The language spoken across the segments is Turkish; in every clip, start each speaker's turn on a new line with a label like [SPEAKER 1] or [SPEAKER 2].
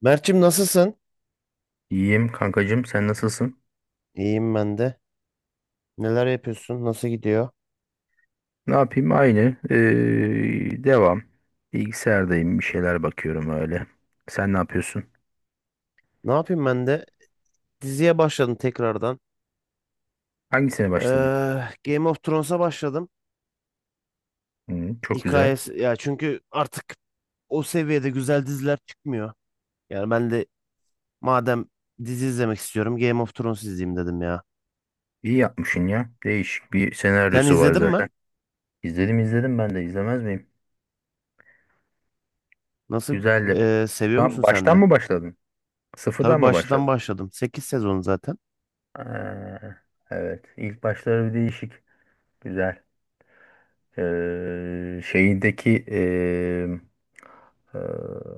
[SPEAKER 1] Mert'cim nasılsın?
[SPEAKER 2] İyiyim kankacığım, sen nasılsın?
[SPEAKER 1] İyiyim ben de. Neler yapıyorsun? Nasıl gidiyor?
[SPEAKER 2] Ne yapayım, aynı. Devam. Bilgisayardayım, bir şeyler bakıyorum öyle. Sen ne yapıyorsun?
[SPEAKER 1] Ne yapayım ben de? Diziye başladım tekrardan.
[SPEAKER 2] Hangisine başladın?
[SPEAKER 1] Ee, Game of Thrones'a başladım.
[SPEAKER 2] Hı, çok güzel.
[SPEAKER 1] Hikayesi ya çünkü artık o seviyede güzel diziler çıkmıyor. Yani ben de madem dizi izlemek istiyorum Game of Thrones izleyeyim dedim ya.
[SPEAKER 2] İyi yapmışsın ya. Değişik bir
[SPEAKER 1] Sen
[SPEAKER 2] senaryosu var
[SPEAKER 1] izledin mi?
[SPEAKER 2] zaten. İzledim, izledim, ben de izlemez miyim?
[SPEAKER 1] Nasıl
[SPEAKER 2] Güzeldi.
[SPEAKER 1] seviyor musun
[SPEAKER 2] Ben
[SPEAKER 1] sen
[SPEAKER 2] baştan
[SPEAKER 1] de?
[SPEAKER 2] mı başladın?
[SPEAKER 1] Tabii
[SPEAKER 2] Sıfırdan mı
[SPEAKER 1] baştan
[SPEAKER 2] başladın?
[SPEAKER 1] başladım. 8 sezon zaten.
[SPEAKER 2] Aa, evet. İlk başları bir değişik. Güzel. Şeyindeki eee,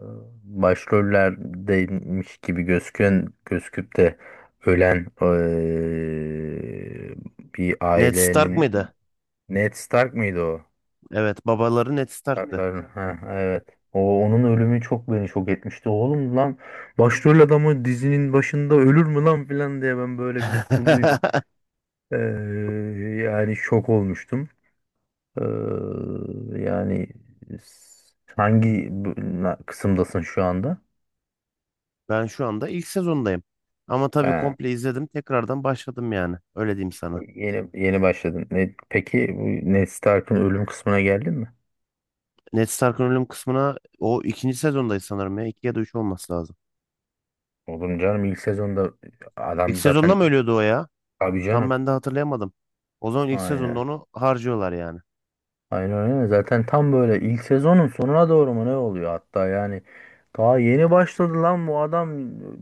[SPEAKER 2] Başrollerdeymiş gibi gözüküp de ölen bir
[SPEAKER 1] Ned
[SPEAKER 2] ailenin
[SPEAKER 1] Stark mıydı?
[SPEAKER 2] Stark mıydı o?
[SPEAKER 1] Evet, babaları Ned Stark'tı.
[SPEAKER 2] Starkların, ha evet. O, onun ölümü çok beni şok etmişti. Oğlum lan, başrol adamı dizinin başında ölür mü lan filan diye ben böyle bir tutulduydum. Eee, Yani şok olmuştum. Ee, yani s- hangi bu- Kısımdasın şu anda?
[SPEAKER 1] Ben şu anda ilk sezondayım. Ama tabii
[SPEAKER 2] Ha,
[SPEAKER 1] komple izledim. Tekrardan başladım yani. Öyle diyeyim sana.
[SPEAKER 2] yeni yeni başladın. Ne, peki bu Ned Stark'ın ölüm kısmına geldin mi?
[SPEAKER 1] Ned Stark'ın ölüm kısmına o ikinci sezondayız sanırım ya. İki ya da üç olması lazım.
[SPEAKER 2] Oğlum canım, ilk sezonda
[SPEAKER 1] İlk
[SPEAKER 2] adam
[SPEAKER 1] sezonda
[SPEAKER 2] zaten,
[SPEAKER 1] mı ölüyordu o ya?
[SPEAKER 2] abi
[SPEAKER 1] Tam
[SPEAKER 2] canım.
[SPEAKER 1] ben de hatırlayamadım. O zaman ilk sezonda
[SPEAKER 2] Aynen.
[SPEAKER 1] onu harcıyorlar yani.
[SPEAKER 2] Aynen öyle. Zaten tam böyle ilk sezonun sonuna doğru mu ne oluyor hatta, yani daha yeni başladı lan bu adam,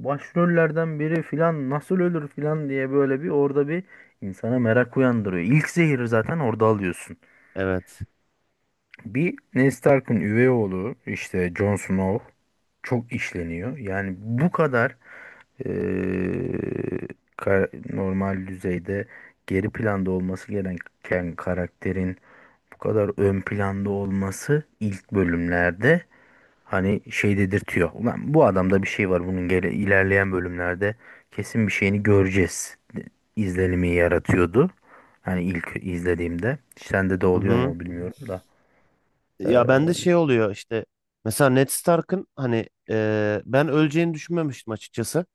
[SPEAKER 2] başrollerden biri filan nasıl ölür filan diye böyle bir orada bir insana merak uyandırıyor. İlk zehri zaten orada alıyorsun.
[SPEAKER 1] Evet.
[SPEAKER 2] Bir Ned Stark'ın üvey oğlu işte Jon Snow çok işleniyor. Yani bu kadar eee, ka- normal düzeyde geri planda olması gereken karakterin bu kadar ön planda olması ilk bölümlerde hani şey dedirtiyor. Ulan, bu adamda bir şey var, bunun ilerleyen bölümlerde kesin bir şeyini izlenimi yaratıyordu. Hani ilk izlediğimde sende de
[SPEAKER 1] Hı
[SPEAKER 2] oluyor
[SPEAKER 1] hı.
[SPEAKER 2] mu bilmiyorum da.
[SPEAKER 1] Ya bende
[SPEAKER 2] Eee,
[SPEAKER 1] şey oluyor işte. Mesela Ned Stark'ın hani ben öleceğini düşünmemiştim açıkçası.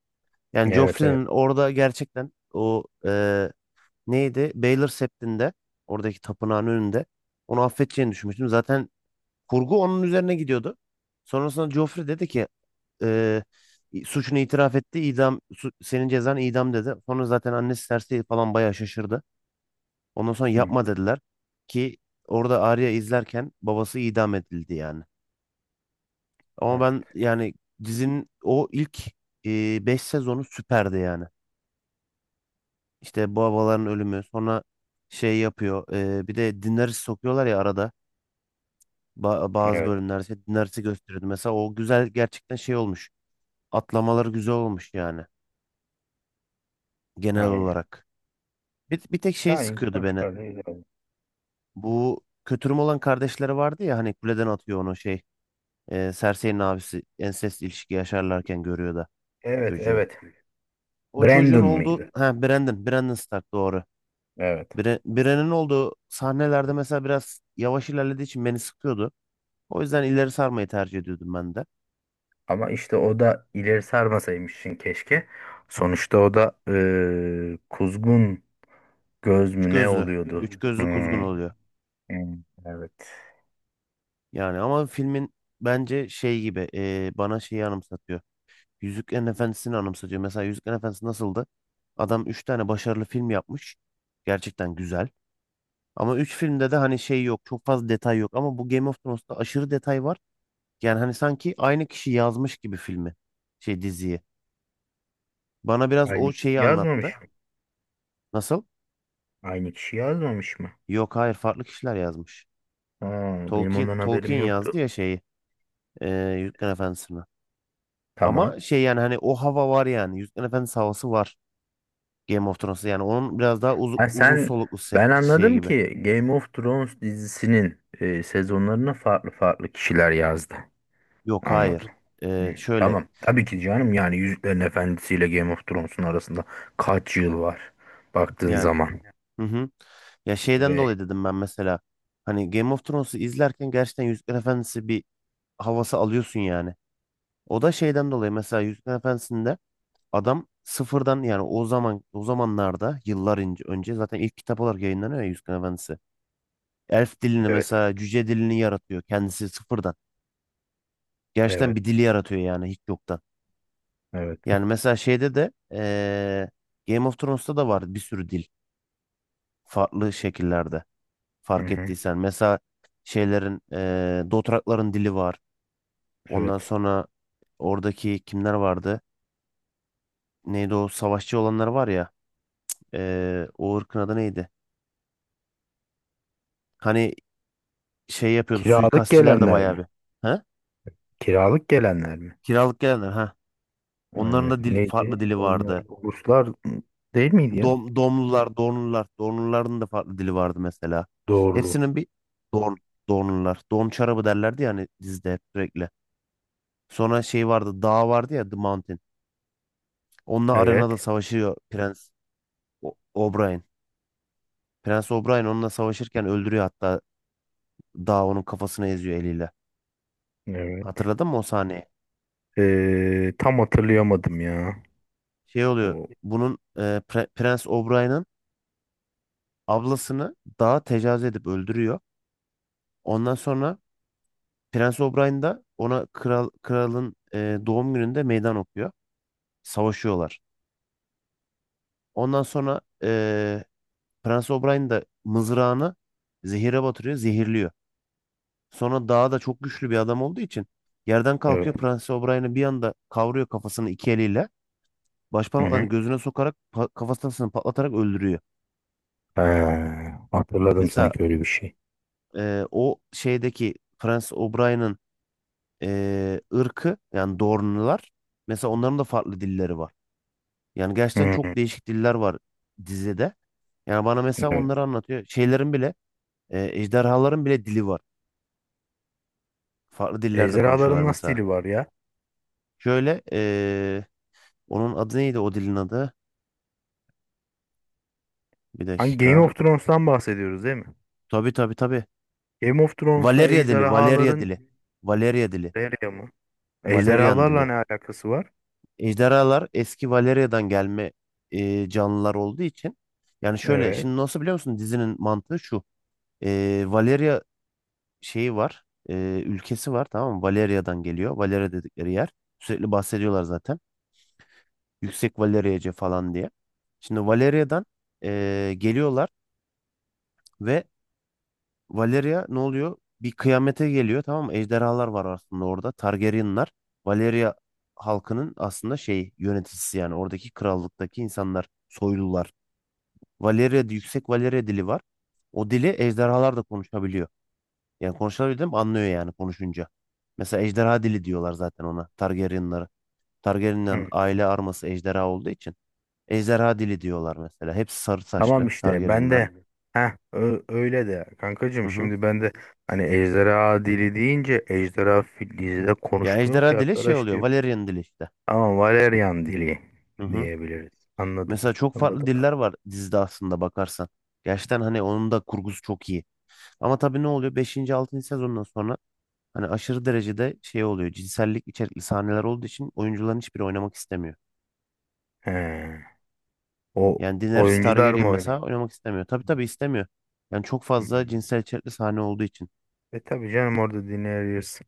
[SPEAKER 1] Yani
[SPEAKER 2] evet, evet.
[SPEAKER 1] Joffrey'nin orada gerçekten o neydi? Baylor Sept'inde oradaki tapınağın önünde onu affedeceğini düşünmüştüm. Zaten kurgu onun üzerine gidiyordu. Sonrasında Joffrey dedi ki e, suçunu itiraf etti. İdam senin cezan idam dedi. Sonra zaten annesi Cersei falan bayağı şaşırdı. Ondan sonra
[SPEAKER 2] Hı,
[SPEAKER 1] yapma dediler ki orada Arya izlerken babası idam edildi yani. Ama ben
[SPEAKER 2] evet.
[SPEAKER 1] yani dizinin o ilk 5 sezonu süperdi yani. İşte babaların ölümü sonra şey yapıyor. Bir de Daenerys sokuyorlar ya arada. Bazı
[SPEAKER 2] Evet.
[SPEAKER 1] bölümler şey, dinlerse gösteriyordu. Mesela o güzel gerçekten şey olmuş. Atlamaları güzel olmuş yani genel
[SPEAKER 2] Aynen.
[SPEAKER 1] olarak. Bir tek şey
[SPEAKER 2] Yani ilk
[SPEAKER 1] sıkıyordu beni.
[SPEAKER 2] başlarda öyle.
[SPEAKER 1] Bu kötürüm olan kardeşleri vardı ya hani kuleden atıyor onu şey. E, Cersei'nin abisi ensest ilişki yaşarlarken görüyor da
[SPEAKER 2] Evet,
[SPEAKER 1] çocuğu.
[SPEAKER 2] evet.
[SPEAKER 1] O çocuğun
[SPEAKER 2] Brandon
[SPEAKER 1] olduğu
[SPEAKER 2] mıydı?
[SPEAKER 1] ha Brandon, Brandon Stark doğru.
[SPEAKER 2] Evet.
[SPEAKER 1] Bran'ın olduğu sahnelerde mesela biraz yavaş ilerlediği için beni sıkıyordu. O yüzden ileri sarmayı tercih ediyordum ben de.
[SPEAKER 2] Ama işte o da ileri sarmasaymışsın keşke. Sonuçta o da kuzgun göz
[SPEAKER 1] Üç
[SPEAKER 2] mü ne
[SPEAKER 1] gözlü.
[SPEAKER 2] oluyordu?
[SPEAKER 1] Üç
[SPEAKER 2] Hı,
[SPEAKER 1] gözlü kuzgun
[SPEAKER 2] hı,
[SPEAKER 1] oluyor.
[SPEAKER 2] evet.
[SPEAKER 1] Yani ama filmin bence şey gibi bana şeyi anımsatıyor. Yüzüklerin Efendisi'ni anımsatıyor. Mesela Yüzüklerin Efendisi nasıldı? Adam 3 tane başarılı film yapmış. Gerçekten güzel. Ama 3 filmde de hani şey yok. Çok fazla detay yok. Ama bu Game of Thrones'ta aşırı detay var. Yani hani sanki aynı kişi yazmış gibi filmi. Şey diziyi. Bana biraz o
[SPEAKER 2] Aynı
[SPEAKER 1] şeyi
[SPEAKER 2] yazmamış
[SPEAKER 1] anlattı.
[SPEAKER 2] mı?
[SPEAKER 1] Nasıl?
[SPEAKER 2] Aynı kişi yazmamış mı?
[SPEAKER 1] Yok hayır farklı kişiler yazmış.
[SPEAKER 2] Ha, benim
[SPEAKER 1] Tolkien,
[SPEAKER 2] ondan haberim
[SPEAKER 1] Tolkien yazdı
[SPEAKER 2] yoktu.
[SPEAKER 1] ya şeyi. E, Yüzüklerin Efendisi'ni.
[SPEAKER 2] Tamam.
[SPEAKER 1] Ama şey yani hani o hava var yani. Yüzüklerin Efendisi havası var. Game of Thrones'ta yani onun biraz daha uzun,
[SPEAKER 2] Ha,
[SPEAKER 1] uzun
[SPEAKER 2] sen...
[SPEAKER 1] soluklu se-
[SPEAKER 2] Ben
[SPEAKER 1] şey
[SPEAKER 2] anladım
[SPEAKER 1] gibi.
[SPEAKER 2] ki Game of Thrones dizisinin sezonlarına farklı farklı kişiler yazdı.
[SPEAKER 1] Yok
[SPEAKER 2] Anladım.
[SPEAKER 1] hayır.
[SPEAKER 2] Hı,
[SPEAKER 1] Şöyle
[SPEAKER 2] tamam. Tabii ki canım, yani Yüzüklerin Efendisi ile Game of Thrones'un arasında kaç yıl var baktığın
[SPEAKER 1] yani
[SPEAKER 2] zaman.
[SPEAKER 1] hı hı. Ya şeyden
[SPEAKER 2] Ve
[SPEAKER 1] dolayı dedim ben mesela hani Game of Thrones'u izlerken gerçekten Yüzükler Efendisi bir havası alıyorsun yani. O da şeyden dolayı mesela Yüzükler Efendisi'nde adam sıfırdan yani o zamanlarda önce zaten ilk kitap olarak yayınlanıyor ya Yüzükler Efendisi. Elf dilini
[SPEAKER 2] evet.
[SPEAKER 1] mesela cüce dilini yaratıyor kendisi sıfırdan. Gerçekten
[SPEAKER 2] Evet.
[SPEAKER 1] bir dili yaratıyor yani hiç yoktan.
[SPEAKER 2] Evet.
[SPEAKER 1] Yani mesela şeyde de Game of Thrones'ta da var bir sürü dil farklı şekillerde
[SPEAKER 2] Hı
[SPEAKER 1] fark
[SPEAKER 2] hı.
[SPEAKER 1] ettiysen. Mesela şeylerin Dothrakların dili var. Ondan
[SPEAKER 2] Evet.
[SPEAKER 1] sonra oradaki kimler vardı? Neydi o savaşçı olanlar var ya. O ırkın adı neydi? Hani şey yapıyordu
[SPEAKER 2] Kiralık
[SPEAKER 1] suikastçiler de
[SPEAKER 2] gelenler
[SPEAKER 1] bayağı
[SPEAKER 2] mi?
[SPEAKER 1] bir. Ha?
[SPEAKER 2] Kiralık gelenler mi?
[SPEAKER 1] Kiralık gelenler ha. Onların
[SPEAKER 2] Aynen.
[SPEAKER 1] da dil, farklı
[SPEAKER 2] Neydi?
[SPEAKER 1] dili
[SPEAKER 2] Onlar
[SPEAKER 1] vardı.
[SPEAKER 2] uluslar değil miydi ya?
[SPEAKER 1] Dom, domlular, donlular. Donluların da farklı dili vardı mesela.
[SPEAKER 2] Doğrulu.
[SPEAKER 1] Hepsinin bir don, donlular. Don çarabı derlerdi yani hani dizide hep sürekli. Sonra şey vardı, dağ vardı ya The Mountain. Onunla arenada
[SPEAKER 2] Evet.
[SPEAKER 1] savaşıyor Prens O'Brien. Prens O'Brien onunla savaşırken öldürüyor hatta dağ onun kafasını eziyor eliyle.
[SPEAKER 2] Evet.
[SPEAKER 1] Hatırladın mı o sahneyi?
[SPEAKER 2] Tam hatırlayamadım ya.
[SPEAKER 1] Şey oluyor.
[SPEAKER 2] O,
[SPEAKER 1] Bunun Prens O'Brien'ın ablasını dağa tecavüz edip öldürüyor. Ondan sonra Prens O'Brien da ona kralın doğum gününde meydan okuyor. Savaşıyorlar. Ondan sonra Prens O'Brien da mızrağını zehire batırıyor, zehirliyor. Sonra daha da çok güçlü bir adam olduğu için yerden kalkıyor
[SPEAKER 2] evet.
[SPEAKER 1] Prens O'Brien'i bir anda kavruyor kafasını iki eliyle.
[SPEAKER 2] Hı hı.
[SPEAKER 1] Başparmaklarını gözüne sokarak kafasını patlatarak öldürüyor.
[SPEAKER 2] Ha, hatırladım
[SPEAKER 1] Mesela
[SPEAKER 2] sanki öyle bir şey.
[SPEAKER 1] o şeydeki Prens O'Brien'in ırkı yani Dorn'lular mesela onların da farklı dilleri var. Yani gerçekten
[SPEAKER 2] Hı
[SPEAKER 1] çok
[SPEAKER 2] hı.
[SPEAKER 1] değişik diller var dizide. Yani bana mesela onları
[SPEAKER 2] Evet.
[SPEAKER 1] anlatıyor. Şeylerin bile, ejderhaların bile dili var. Farklı dillerde konuşuyorlar
[SPEAKER 2] Ejderhaların nasıl
[SPEAKER 1] mesela.
[SPEAKER 2] dili var ya?
[SPEAKER 1] Şöyle, onun adı neydi o dilin adı? Bir
[SPEAKER 2] Hangi Game of
[SPEAKER 1] dakika.
[SPEAKER 2] Thrones'tan bahsediyoruz değil mi?
[SPEAKER 1] Tabii tabii tabii.
[SPEAKER 2] Game of Thrones'ta
[SPEAKER 1] Valeria
[SPEAKER 2] ejderhaların
[SPEAKER 1] dili. Valeria dili,
[SPEAKER 2] nereye mı?
[SPEAKER 1] Valerian
[SPEAKER 2] Ejderhalarla
[SPEAKER 1] dili.
[SPEAKER 2] ne alakası var?
[SPEAKER 1] Ejderhalar eski Valeria'dan gelme canlılar olduğu için. Yani şöyle,
[SPEAKER 2] Evet.
[SPEAKER 1] şimdi nasıl biliyor musun dizinin mantığı şu. E, Valeria şeyi var. e, Ülkesi var tamam mı? Valeria'dan geliyor. Valeria dedikleri yer. Sürekli bahsediyorlar zaten. Yüksek Valeria'cı falan diye. Şimdi Valeria'dan geliyorlar ve Valeria ne oluyor? Bir kıyamete geliyor tamam mı? Ejderhalar var aslında orada. Targaryenlar. Valeria halkının aslında şey yöneticisi yani oradaki krallıktaki insanlar, soylular. Valeria, yüksek Valeria dili var. O dili ejderhalar da konuşabiliyor. Yani konuşabildim anlıyor yani konuşunca. Mesela ejderha dili diyorlar zaten ona. Targaryenlara. Targaryenlerin
[SPEAKER 2] Hı.
[SPEAKER 1] aile arması ejderha olduğu için. Ejderha dili diyorlar mesela. Hepsi sarı
[SPEAKER 2] Tamam
[SPEAKER 1] saçlı
[SPEAKER 2] işte, ben de...
[SPEAKER 1] Targaryenlerin.
[SPEAKER 2] Heh, öyle de
[SPEAKER 1] Hı
[SPEAKER 2] kankacığım,
[SPEAKER 1] hı.
[SPEAKER 2] şimdi ben de hani ejderha dili deyince ejderha dizide
[SPEAKER 1] Ya
[SPEAKER 2] konuşmuyor ki
[SPEAKER 1] ejderha dili şey
[SPEAKER 2] arkadaş
[SPEAKER 1] oluyor.
[SPEAKER 2] diyor.
[SPEAKER 1] Valyrian dili işte.
[SPEAKER 2] Ama Valerian dili
[SPEAKER 1] Hı hı.
[SPEAKER 2] diyebiliriz. Anladım.
[SPEAKER 1] Mesela çok farklı
[SPEAKER 2] Anladım.
[SPEAKER 1] diller var dizide aslında bakarsan. Gerçekten hani onun da kurgusu çok iyi. Ama tabii ne oluyor? 5. 6. sezondan sonra hani aşırı derecede şey oluyor. Cinsellik içerikli sahneler olduğu için oyuncuların hiçbiri oynamak istemiyor.
[SPEAKER 2] He. O
[SPEAKER 1] Yani Daenerys
[SPEAKER 2] oyuncular
[SPEAKER 1] Targaryen
[SPEAKER 2] mı
[SPEAKER 1] mesela
[SPEAKER 2] oynamış?
[SPEAKER 1] oynamak istemiyor. Tabii tabii istemiyor. Yani çok fazla
[SPEAKER 2] Hmm.
[SPEAKER 1] cinsel içerikli sahne olduğu için.
[SPEAKER 2] E tabii canım, orada dinleriz.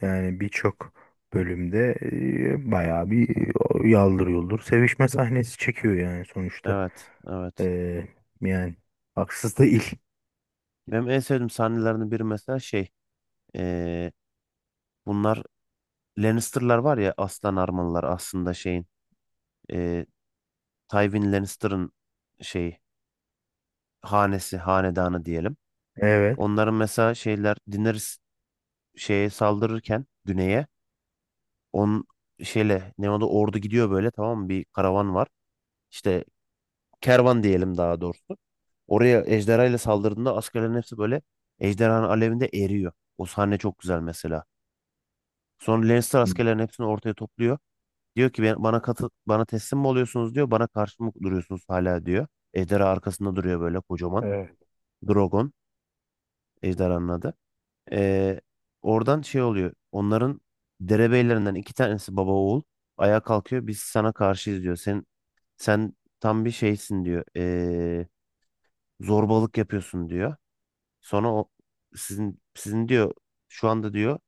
[SPEAKER 2] Yani birçok bölümde bayağı bir yaldır yuldur sevişme sahnesi çekiyor yani sonuçta.
[SPEAKER 1] Evet,
[SPEAKER 2] E,
[SPEAKER 1] evet.
[SPEAKER 2] Yani haksız değil.
[SPEAKER 1] Benim en sevdiğim sahnelerden biri mesela şey. eee, Bunlar Lannister'lar var ya aslan armalılar aslında şeyin. eee, Tywin Lannister'ın şeyi hanedanı diyelim.
[SPEAKER 2] Evet.
[SPEAKER 1] Onların mesela şeyler Daenerys şeye saldırırken güneye on şeyle ne oldu ordu gidiyor böyle tamam mı bir karavan var. İşte kervan diyelim daha doğrusu. Oraya ejderha saldırdığında askerlerin hepsi böyle ejderhanın alevinde eriyor. O sahne çok güzel mesela. Sonra Lannister askerlerin hepsini ortaya topluyor. Diyor ki bana bana teslim mi oluyorsunuz diyor. Bana karşı mı duruyorsunuz hala diyor. Ejderha arkasında duruyor böyle kocaman.
[SPEAKER 2] Evet.
[SPEAKER 1] Drogon ejderhanın adı. Ee, Oradan şey oluyor. Onların derebeylerinden iki tanesi baba oğul. Ayağa kalkıyor. Biz sana karşıyız diyor. Sen tam bir şeysin diyor. Zorbalık yapıyorsun diyor. Sonra o sizin diyor şu anda diyor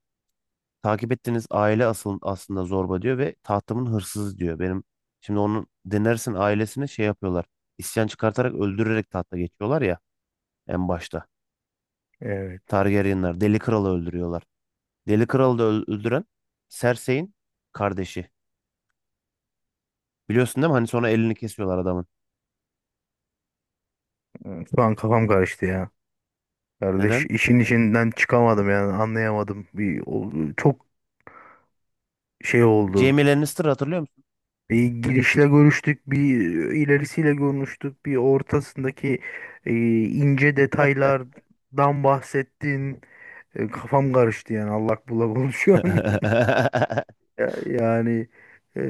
[SPEAKER 1] takip ettiğiniz aile asıl aslında zorba diyor ve tahtımın hırsızı diyor. Benim şimdi onun denersin ailesine şey yapıyorlar. İsyan çıkartarak öldürerek tahta geçiyorlar ya en başta.
[SPEAKER 2] Evet.
[SPEAKER 1] Targaryenler Deli Kral'ı öldürüyorlar. Deli Kral'ı da öldüren Cersei'in kardeşi. Biliyorsun değil mi? Hani sonra elini kesiyorlar adamın.
[SPEAKER 2] Şu an kafam karıştı ya. Kardeş,
[SPEAKER 1] Neden?
[SPEAKER 2] işin içinden çıkamadım yani, anlayamadım. Çok şey oldu.
[SPEAKER 1] Jaime Lannister hatırlıyor musun?
[SPEAKER 2] Bir girişle görüştük, bir ilerisiyle görüştük, bir ortasındaki e, ince detaylardan bahsettin. Kafam karıştı yani, allak bullak oldu şu an. Yani e,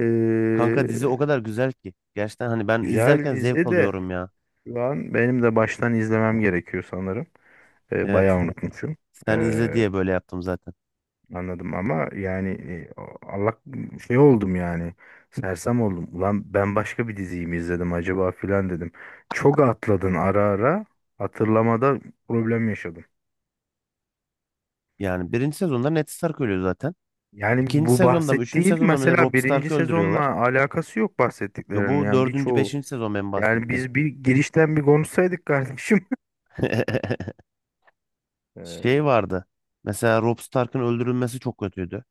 [SPEAKER 1] Kanka dizi o kadar güzel ki. Gerçekten hani ben
[SPEAKER 2] güzel
[SPEAKER 1] izlerken zevk
[SPEAKER 2] dizi de
[SPEAKER 1] alıyorum ya.
[SPEAKER 2] şu an benim de baştan izlemem gerekiyor sanırım. Bayağı
[SPEAKER 1] Evet.
[SPEAKER 2] unutmuşum. E,
[SPEAKER 1] Sen izle diye böyle yaptım zaten.
[SPEAKER 2] Anladım ama yani, Allah şey oldum yani, sersem oldum. Ulan ben başka bir diziyi mi izledim acaba filan dedim. Çok atladın, ara ara hatırlamada problem yaşadım.
[SPEAKER 1] Yani birinci sezonda Ned Stark ölüyor zaten.
[SPEAKER 2] Yani
[SPEAKER 1] İkinci
[SPEAKER 2] bu
[SPEAKER 1] sezonda mı, üçüncü
[SPEAKER 2] bahsettiğin
[SPEAKER 1] sezonda mı ne
[SPEAKER 2] mesela
[SPEAKER 1] Robb
[SPEAKER 2] birinci
[SPEAKER 1] Stark'ı
[SPEAKER 2] sezonla
[SPEAKER 1] öldürüyorlar.
[SPEAKER 2] alakası yok
[SPEAKER 1] Yo,
[SPEAKER 2] bahsettiklerinin
[SPEAKER 1] bu
[SPEAKER 2] yani
[SPEAKER 1] dördüncü,
[SPEAKER 2] birçoğu.
[SPEAKER 1] beşinci sezon ben
[SPEAKER 2] Yani
[SPEAKER 1] bahsettim.
[SPEAKER 2] biz bir girişten bir konuşsaydık kardeşim.
[SPEAKER 1] Şey
[SPEAKER 2] Ey,
[SPEAKER 1] vardı. Mesela Robb Stark'ın öldürülmesi çok kötüydü.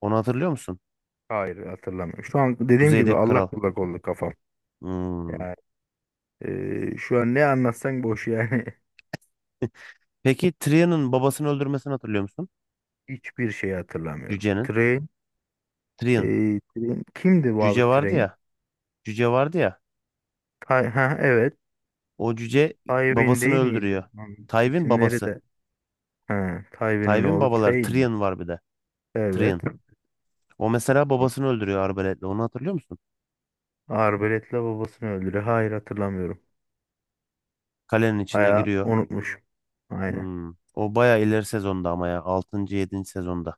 [SPEAKER 1] Onu hatırlıyor musun?
[SPEAKER 2] hayır hatırlamıyorum. Şu an dediğim gibi
[SPEAKER 1] Kuzeydeki kral.
[SPEAKER 2] allak bullak oldu kafam.
[SPEAKER 1] Hmm.
[SPEAKER 2] Yani, şu an ne anlatsan boş yani.
[SPEAKER 1] Peki Tyrion'un babasını öldürmesini hatırlıyor musun?
[SPEAKER 2] Hiçbir şey hatırlamıyorum.
[SPEAKER 1] Cüce'nin. Tyrion.
[SPEAKER 2] Kimdi bu
[SPEAKER 1] Cüce
[SPEAKER 2] abi
[SPEAKER 1] vardı
[SPEAKER 2] Train?
[SPEAKER 1] ya. Cüce vardı ya.
[SPEAKER 2] Ha, evet.
[SPEAKER 1] O cüce
[SPEAKER 2] Tywin
[SPEAKER 1] babasını
[SPEAKER 2] değil miydi?
[SPEAKER 1] öldürüyor.
[SPEAKER 2] Lan,
[SPEAKER 1] Tywin
[SPEAKER 2] İsimleri
[SPEAKER 1] babası.
[SPEAKER 2] de... Ha, Tywin'in
[SPEAKER 1] Tywin
[SPEAKER 2] oğlu
[SPEAKER 1] babaları.
[SPEAKER 2] Train mi?
[SPEAKER 1] Tyrion var bir de.
[SPEAKER 2] Evet.
[SPEAKER 1] Tyrion. O mesela babasını öldürüyor arbaletle. Onu hatırlıyor musun?
[SPEAKER 2] Arbaletle babasını öldürüyor. Hayır hatırlamıyorum.
[SPEAKER 1] Kalenin içine
[SPEAKER 2] Bayağı
[SPEAKER 1] giriyor.
[SPEAKER 2] unutmuşum. Aynen.
[SPEAKER 1] Hmm. O baya ileri sezonda ama ya. 6. yedinci sezonda.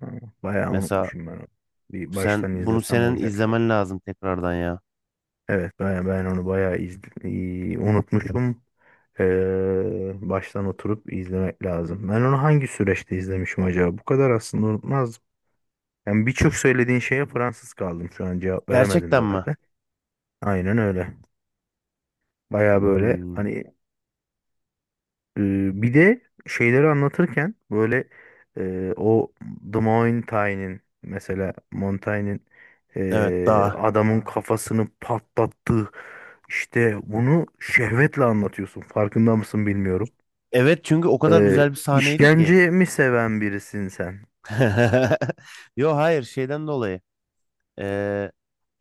[SPEAKER 2] Ha, bayağı
[SPEAKER 1] Mesela
[SPEAKER 2] unutmuşum ben onu. Bir baştan
[SPEAKER 1] bunu
[SPEAKER 2] izlesem
[SPEAKER 1] senin
[SPEAKER 2] olacak zaten.
[SPEAKER 1] izlemen lazım tekrardan ya.
[SPEAKER 2] Evet ben, iyi, unutmuşum. Baştan oturup izlemek lazım. Ben onu hangi süreçte izlemişim acaba? Bu kadar aslında unutmaz. Yani birçok söylediğin şeye Fransız kaldım şu an, cevap veremedim
[SPEAKER 1] Gerçekten mi?
[SPEAKER 2] zaten. Aynen öyle. Baya böyle
[SPEAKER 1] Hmm.
[SPEAKER 2] hani bir de şeyleri anlatırken böyle, e, o The Mountain'in mesela Montaigne'in
[SPEAKER 1] Evet daha.
[SPEAKER 2] adamın kafasını patlattığı işte, bunu şehvetle anlatıyorsun. Farkında mısın bilmiyorum.
[SPEAKER 1] Evet çünkü o kadar
[SPEAKER 2] E,
[SPEAKER 1] güzel bir sahneydi ki.
[SPEAKER 2] işkence mi seven birisin sen?
[SPEAKER 1] Yo hayır şeyden dolayı. Ee,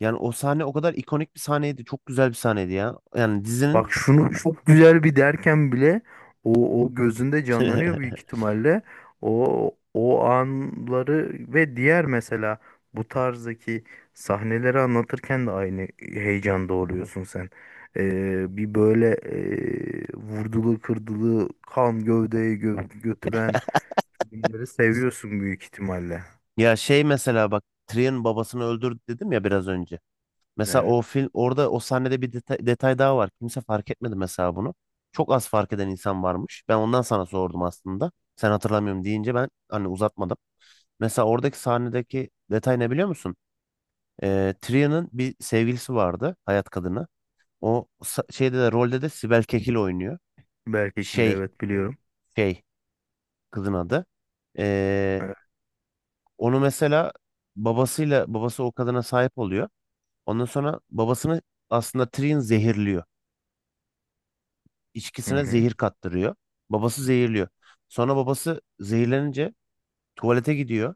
[SPEAKER 1] Yani o sahne o kadar ikonik bir sahneydi. Çok güzel bir sahneydi ya. Yani dizinin
[SPEAKER 2] Bak şunu çok güzel bir derken bile o, o gözünde canlanıyor büyük ihtimalle. O o anları ve diğer mesela bu tarzdaki sahneleri anlatırken de aynı heyecanda oluyorsun sen. Bir böyle, vurdulu kırdılı kan gövdeye götüren filmleri seviyorsun büyük ihtimalle.
[SPEAKER 1] ya şey mesela bak Tyrion babasını öldürdü dedim ya biraz önce. Mesela
[SPEAKER 2] Evet.
[SPEAKER 1] o film orada o sahnede bir detay daha var. Kimse fark etmedi mesela bunu. Çok az fark eden insan varmış. Ben ondan sana sordum aslında. Sen hatırlamıyorum deyince ben hani uzatmadım. Mesela oradaki sahnedeki detay ne biliyor musun? Tria'nın bir sevgilisi vardı. Hayat kadını. O şeyde de rolde de Sibel Kekil oynuyor.
[SPEAKER 2] Berkekirli
[SPEAKER 1] Şey
[SPEAKER 2] evet biliyorum.
[SPEAKER 1] şey kızın adı. Ee,
[SPEAKER 2] Evet.
[SPEAKER 1] Onu mesela babası o kadına sahip oluyor. Ondan sonra babasını aslında Trian zehirliyor.
[SPEAKER 2] Hı
[SPEAKER 1] İçkisine
[SPEAKER 2] hı.
[SPEAKER 1] zehir kattırıyor. Babası zehirliyor. Sonra babası zehirlenince tuvalete gidiyor.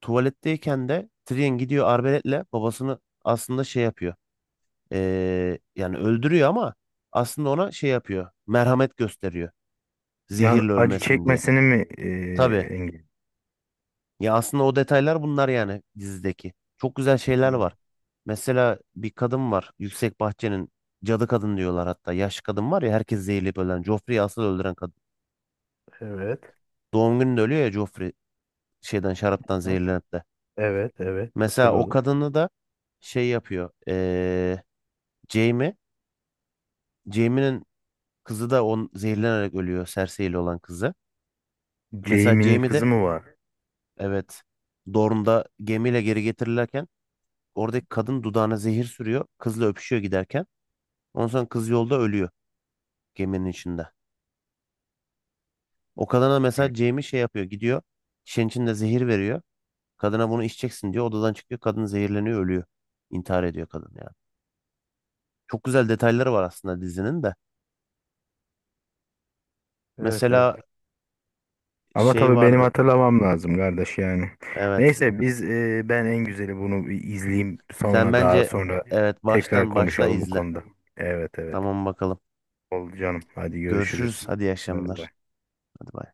[SPEAKER 1] Tuvaletteyken de Tyrion gidiyor arbaletle babasını aslında şey yapıyor. Yani öldürüyor ama aslında ona şey yapıyor. Merhamet gösteriyor.
[SPEAKER 2] Yani
[SPEAKER 1] Zehirle
[SPEAKER 2] acı
[SPEAKER 1] ölmesin diye.
[SPEAKER 2] çekmesini mi
[SPEAKER 1] Tabii.
[SPEAKER 2] engel?
[SPEAKER 1] Ya aslında o detaylar bunlar yani dizideki. Çok güzel şeyler
[SPEAKER 2] Hı.
[SPEAKER 1] var. Mesela bir kadın var. Yüksek Bahçe'nin cadı kadın diyorlar hatta. Yaşlı kadın var ya herkes zehirleyip ölen. Joffrey'i asıl öldüren kadın.
[SPEAKER 2] Evet.
[SPEAKER 1] Doğum gününde ölüyor ya Joffrey. Şaraptan zehirlenip de.
[SPEAKER 2] Evet, evet.
[SPEAKER 1] Mesela o
[SPEAKER 2] Hatırladım.
[SPEAKER 1] kadını da şey yapıyor. Jamie. Jamie'nin kızı da on zehirlenerek ölüyor. Cersei ile olan kızı. Mesela
[SPEAKER 2] Jamie'nin
[SPEAKER 1] Jamie
[SPEAKER 2] kızı
[SPEAKER 1] de
[SPEAKER 2] mı var?
[SPEAKER 1] evet Dorne'da gemiyle geri getirilirken oradaki kadın dudağına zehir sürüyor. Kızla öpüşüyor giderken. Ondan sonra kız yolda ölüyor geminin içinde. O kadına
[SPEAKER 2] Hı.
[SPEAKER 1] mesela Jamie şey yapıyor. Gidiyor şişenin içinde zehir veriyor. Kadına bunu içeceksin diyor. Odadan çıkıyor. Kadın zehirleniyor ölüyor. İntihar ediyor kadın yani. Çok güzel detayları var aslında dizinin de.
[SPEAKER 2] Evet, evet.
[SPEAKER 1] Mesela
[SPEAKER 2] Ama
[SPEAKER 1] şey
[SPEAKER 2] tabii benim
[SPEAKER 1] vardı.
[SPEAKER 2] hatırlamam lazım kardeş yani.
[SPEAKER 1] Evet.
[SPEAKER 2] Neyse, biz ben en güzeli bunu bir izleyeyim,
[SPEAKER 1] Sen
[SPEAKER 2] sonra daha
[SPEAKER 1] bence
[SPEAKER 2] sonra
[SPEAKER 1] evet
[SPEAKER 2] tekrar
[SPEAKER 1] baştan başla
[SPEAKER 2] konuşalım bu
[SPEAKER 1] izle.
[SPEAKER 2] konuda. Evet evet.
[SPEAKER 1] Tamam bakalım.
[SPEAKER 2] Oldu canım. Hadi görüşürüz.
[SPEAKER 1] Görüşürüz. Hadi iyi
[SPEAKER 2] Bay
[SPEAKER 1] akşamlar.
[SPEAKER 2] bay.
[SPEAKER 1] Hadi bay.